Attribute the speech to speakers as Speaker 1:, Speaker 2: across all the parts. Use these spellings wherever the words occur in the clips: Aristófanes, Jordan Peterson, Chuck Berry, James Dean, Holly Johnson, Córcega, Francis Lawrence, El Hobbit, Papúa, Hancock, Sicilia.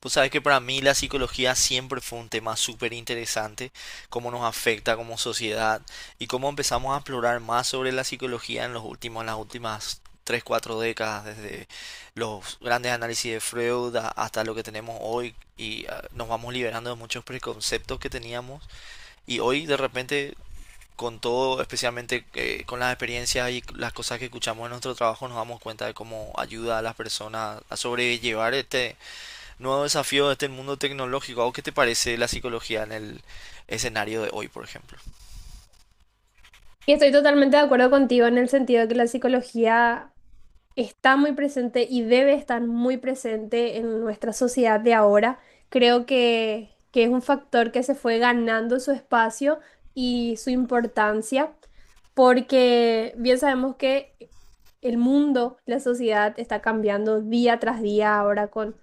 Speaker 1: Pues sabes que para mí la psicología siempre fue un tema súper interesante, cómo nos afecta como sociedad y cómo empezamos a explorar más sobre la psicología en las últimas 3 4 décadas, desde los grandes análisis de Freud hasta lo que tenemos hoy y nos vamos liberando de muchos preconceptos que teníamos y hoy de repente con todo, especialmente con las experiencias y las cosas que escuchamos en nuestro trabajo, nos damos cuenta de cómo ayuda a las personas a sobrellevar este nuevo desafío de este mundo tecnológico. ¿A vos qué te parece la psicología en el escenario de hoy, por ejemplo?
Speaker 2: Y estoy totalmente de acuerdo contigo en el sentido de que la psicología está muy presente y debe estar muy presente en nuestra sociedad de ahora. Creo que es un factor que se fue ganando su espacio y su importancia, porque bien sabemos que el mundo, la sociedad está cambiando día tras día ahora con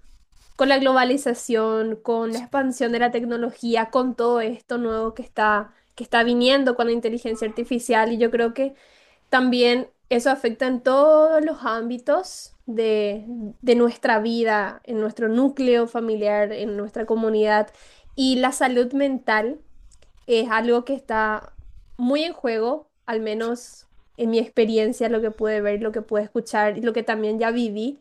Speaker 2: con la globalización, con la expansión de la tecnología, con todo esto nuevo que está viniendo con la inteligencia artificial. Y yo creo que también eso afecta en todos los ámbitos de nuestra vida, en nuestro núcleo familiar, en nuestra comunidad. Y la salud mental es algo que está muy en juego, al menos en mi experiencia, lo que pude ver, lo que pude escuchar y lo que también ya viví,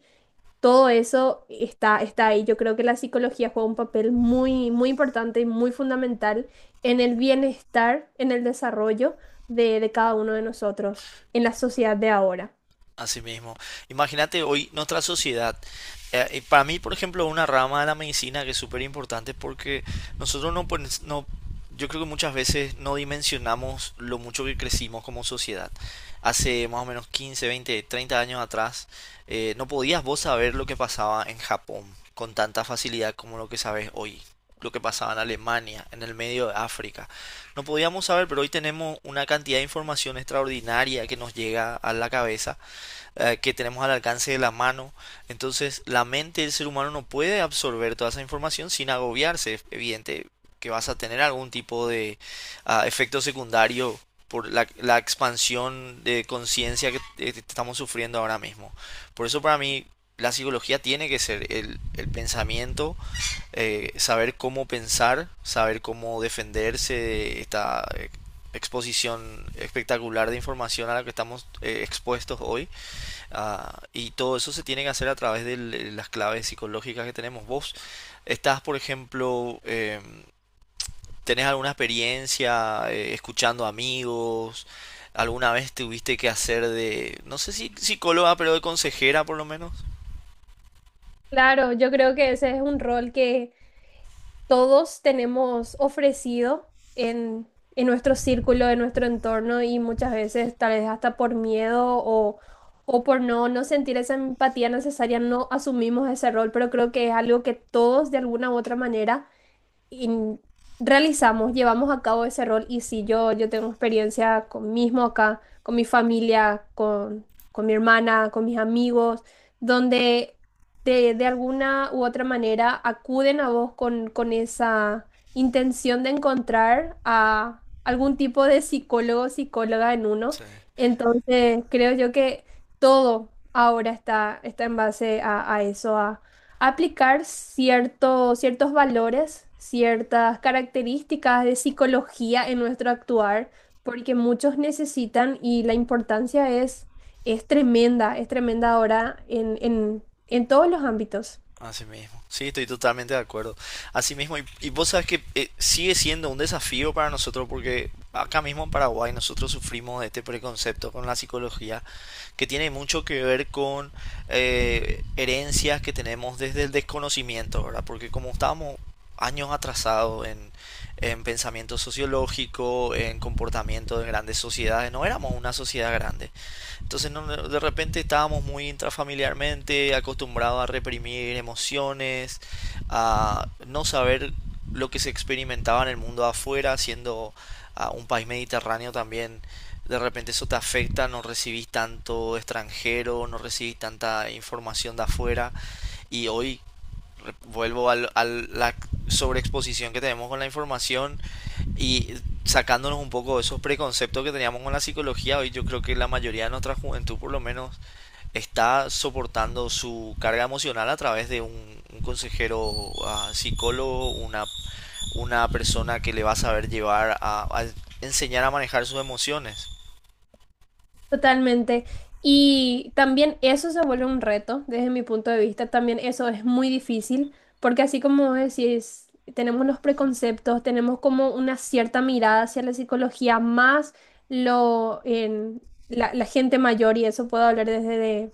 Speaker 2: todo eso está ahí. Yo creo que la psicología juega un papel muy, muy importante y muy fundamental en el bienestar, en el desarrollo de cada uno de nosotros, en la sociedad de ahora.
Speaker 1: Así mismo. Imagínate hoy nuestra sociedad. Y para mí, por ejemplo, una rama de la medicina que es súper importante porque nosotros no, no, yo creo que muchas veces no dimensionamos lo mucho que crecimos como sociedad. Hace más o menos 15 20 30 años atrás, no podías vos saber lo que pasaba en Japón con tanta facilidad como lo que sabes hoy. Lo que pasaba en Alemania, en el medio de África. No podíamos saber, pero hoy tenemos una cantidad de información extraordinaria que nos llega a la cabeza, que tenemos al alcance de la mano. Entonces, la mente del ser humano no puede absorber toda esa información sin agobiarse. Es evidente que vas a tener algún tipo de efecto secundario por la expansión de conciencia que estamos sufriendo ahora mismo. Por eso para mí la psicología tiene que ser el pensamiento, saber cómo pensar, saber cómo defenderse de esta exposición espectacular de información a la que estamos expuestos hoy. Ah, y todo eso se tiene que hacer a través de las claves psicológicas que tenemos. Vos estás, por ejemplo, tenés alguna experiencia escuchando amigos, alguna vez tuviste que hacer de, no sé si psicóloga, pero de consejera por lo menos.
Speaker 2: Claro, yo creo que ese es un rol que todos tenemos ofrecido en nuestro círculo, en nuestro entorno y muchas veces tal vez hasta por miedo o por no sentir esa empatía necesaria, no asumimos ese rol, pero creo que es algo que todos de alguna u otra manera in- realizamos, llevamos a cabo ese rol y sí, yo tengo experiencia con mismo acá, con mi familia, con mi hermana, con mis amigos, donde de alguna u otra manera acuden a vos con esa intención de encontrar a algún tipo de psicólogo o psicóloga en uno.
Speaker 1: Sí.
Speaker 2: Entonces, creo yo que todo ahora está en base a eso, aplicar ciertos valores, ciertas características de psicología en nuestro actuar, porque muchos necesitan y la importancia es tremenda ahora en en todos los ámbitos.
Speaker 1: Así mismo. Sí, estoy totalmente de acuerdo. Así mismo, y vos sabes que sigue siendo un desafío para nosotros porque acá mismo en Paraguay nosotros sufrimos de este preconcepto con la psicología que tiene mucho que ver con herencias que tenemos desde el desconocimiento, ¿verdad? Porque como estábamos años atrasados en pensamiento sociológico, en comportamiento de grandes sociedades, no éramos una sociedad grande. Entonces no, no, de repente estábamos muy intrafamiliarmente acostumbrados a reprimir emociones, a no saber lo que se experimentaba en el mundo afuera, siendo un país mediterráneo también. De repente eso te afecta, no recibís tanto extranjero, no recibís tanta información de afuera. Y hoy vuelvo a la sobreexposición que tenemos con la información, y sacándonos un poco de esos preconceptos que teníamos con la psicología, hoy yo creo que la mayoría de nuestra juventud por lo menos está soportando su carga emocional a través de un consejero psicólogo, una persona que le va a saber llevar a enseñar a manejar sus emociones.
Speaker 2: Totalmente. Y también eso se vuelve un reto desde mi punto de vista. También eso es muy difícil porque así como vos decís, tenemos los preconceptos, tenemos como una cierta mirada hacia la psicología, más lo en la gente mayor y eso puedo hablar desde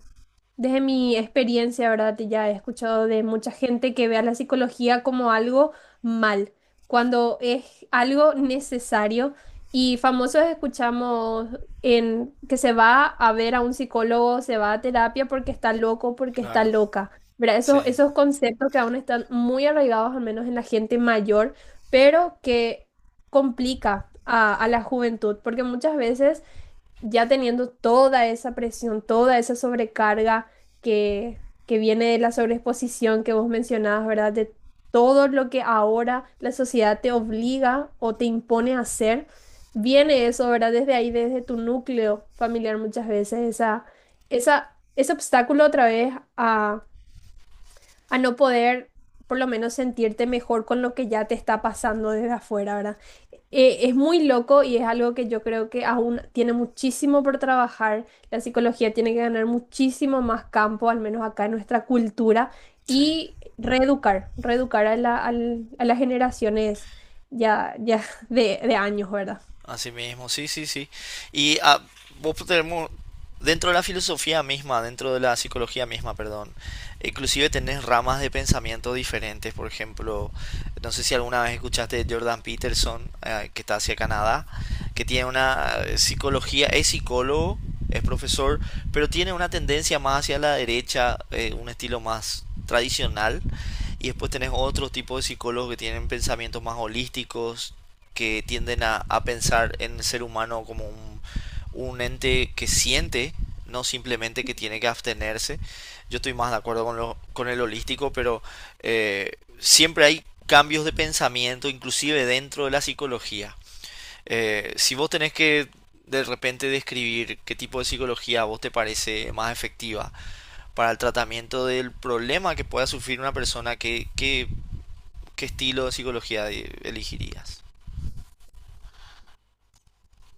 Speaker 2: desde mi experiencia, ¿verdad? Ya he escuchado de mucha gente que ve a la psicología como algo mal, cuando es algo necesario. Y famosos escuchamos en que se va a ver a un psicólogo, se va a terapia porque está loco, porque está
Speaker 1: Claro,
Speaker 2: loca. ¿Verdad?
Speaker 1: sí,
Speaker 2: Esos conceptos que aún están muy arraigados, al menos en la gente mayor, pero que complica a la juventud, porque muchas veces ya teniendo toda esa presión, toda esa sobrecarga que, que viene de la sobreexposición que vos mencionabas, ¿verdad? De todo lo que ahora la sociedad te obliga o te impone a hacer, viene eso, ¿verdad? Desde ahí, desde tu núcleo familiar muchas veces, ese obstáculo otra vez a no poder por lo menos sentirte mejor con lo que ya te está pasando desde afuera, ¿verdad? Es muy loco y es algo que yo creo que aún tiene muchísimo por trabajar. La psicología tiene que ganar muchísimo más campo, al menos acá en nuestra cultura,
Speaker 1: sí.
Speaker 2: y reeducar, reeducar a a las generaciones ya de años, ¿verdad?
Speaker 1: Así mismo, sí, sí, sí. Y vos tenemos, dentro de la filosofía misma, dentro de la psicología misma, perdón, inclusive tenés ramas de pensamiento diferentes. Por ejemplo, no sé si alguna vez escuchaste de Jordan Peterson, que está hacia Canadá, que tiene una psicología, es psicólogo, es profesor, pero tiene una tendencia más hacia la derecha, un estilo más tradicional. Y después tenés otro tipo de psicólogos que tienen pensamientos más holísticos, que tienden a pensar en el ser humano como un ente que siente, no simplemente que tiene que abstenerse. Yo estoy más de acuerdo con el holístico, pero eh, siempre hay cambios de pensamiento, inclusive dentro de la psicología. Si vos tenés que de repente describir qué tipo de psicología a vos te parece más efectiva para el tratamiento del problema que pueda sufrir una persona, ¿qué estilo de psicología elegirías?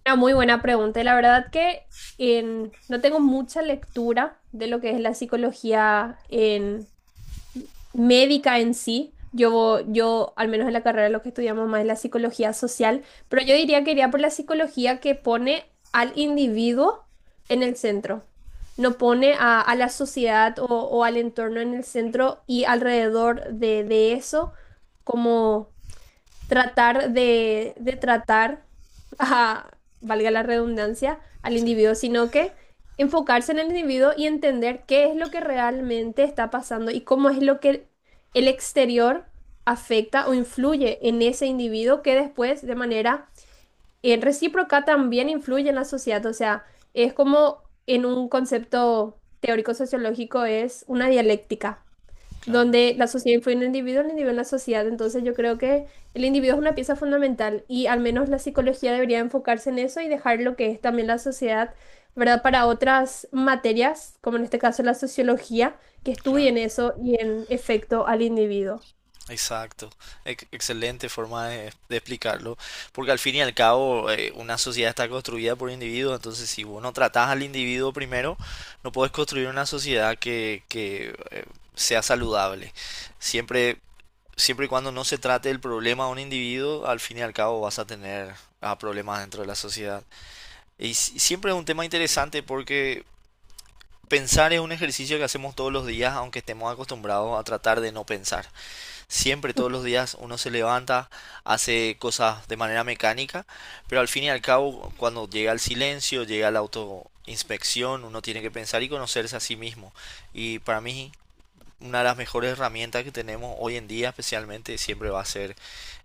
Speaker 2: Una muy buena pregunta. La verdad que no tengo mucha lectura de lo que es la psicología en, médica en sí. Yo, al menos en la carrera, lo que estudiamos más es la psicología social, pero yo diría que iría por la psicología que pone al individuo en el centro. No pone a la sociedad o al entorno en el centro y alrededor de eso, como tratar de tratar ajá, valga la redundancia, al
Speaker 1: Sí.
Speaker 2: individuo, sino que enfocarse en el individuo y entender qué es lo que realmente está pasando y cómo es lo que el exterior afecta o influye en ese individuo que después de manera recíproca también influye en la sociedad. O sea, es como en un concepto teórico sociológico es una dialéctica
Speaker 1: Claro.
Speaker 2: donde la sociedad influye en el individuo en la sociedad. Entonces yo creo que el individuo es una pieza fundamental y al menos la psicología debería enfocarse en eso y dejar lo que es también la sociedad, ¿verdad? Para otras materias, como en este caso la sociología, que
Speaker 1: Claro,
Speaker 2: estudien eso y en efecto al individuo.
Speaker 1: exacto. Excelente forma de explicarlo. Porque al fin y al cabo, una sociedad está construida por individuos. Entonces, si vos no tratás al individuo primero, no podés construir una sociedad que sea saludable. Siempre, siempre y cuando no se trate el problema a un individuo, al fin y al cabo vas a tener problemas dentro de la sociedad. Y siempre es un tema interesante porque pensar es un ejercicio que hacemos todos los días, aunque estemos acostumbrados a tratar de no pensar. Siempre, todos los días uno se levanta, hace cosas de manera mecánica, pero al fin y al cabo, cuando llega el silencio, llega la autoinspección, uno tiene que pensar y conocerse a sí mismo. Y para mí, una de las mejores herramientas que tenemos hoy en día, especialmente, siempre va a ser,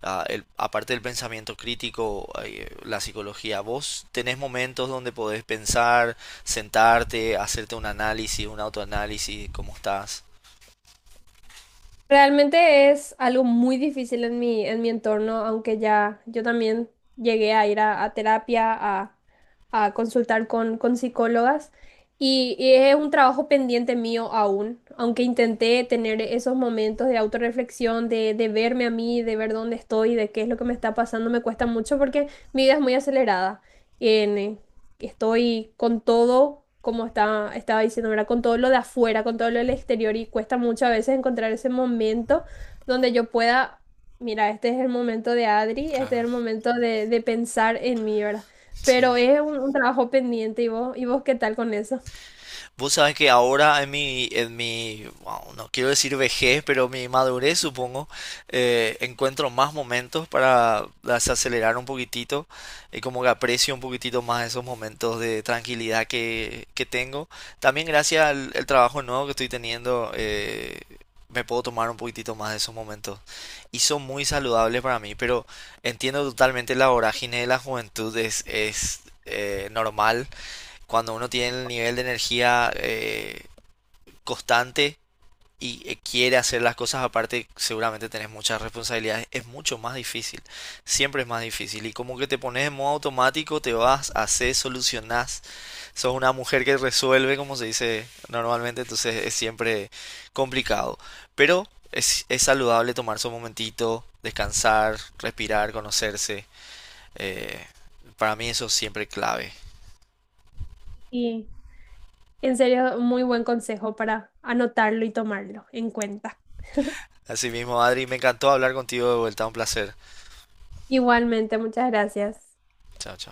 Speaker 1: aparte del pensamiento crítico, la psicología. Vos tenés momentos donde podés pensar, sentarte, hacerte un análisis, un autoanálisis, cómo estás.
Speaker 2: Realmente es algo muy difícil en mi entorno, aunque ya yo también llegué a ir a terapia, a consultar con psicólogas, y es un trabajo pendiente mío aún, aunque intenté tener esos momentos de autorreflexión, de verme a mí, de ver dónde estoy, de qué es lo que me está pasando, me cuesta mucho porque mi vida es muy acelerada estoy con todo, como estaba diciendo, ¿verdad? Con todo lo de afuera, con todo lo del exterior y cuesta muchas veces encontrar ese momento donde yo pueda, mira, este es el momento de Adri, este es
Speaker 1: Claro,
Speaker 2: el momento de pensar en mí, ¿verdad?
Speaker 1: sí.
Speaker 2: Pero es un trabajo pendiente ¿y vos qué tal con eso?
Speaker 1: Vos sabés que ahora wow, no quiero decir vejez, pero mi madurez supongo, encuentro más momentos para desacelerar un poquitito y como que aprecio un poquitito más esos momentos de tranquilidad que tengo. También gracias al el trabajo nuevo que estoy teniendo, me puedo tomar un poquitito más de esos momentos y son muy saludables para mí, pero entiendo totalmente la vorágine de la juventud es normal cuando uno tiene el nivel de energía constante y quiere hacer las cosas aparte, seguramente tenés muchas responsabilidades, es mucho más difícil, siempre es más difícil y como que te pones en modo automático, te vas, haces, solucionás, sos una mujer que resuelve, como se dice normalmente, entonces es siempre complicado, pero es saludable tomarse un momentito, descansar, respirar, conocerse, eh, para mí eso es siempre clave.
Speaker 2: Y en serio, muy buen consejo para anotarlo y tomarlo en cuenta.
Speaker 1: Así mismo, Adri, me encantó hablar contigo de vuelta, un placer.
Speaker 2: Igualmente, muchas gracias.
Speaker 1: Chao, chao.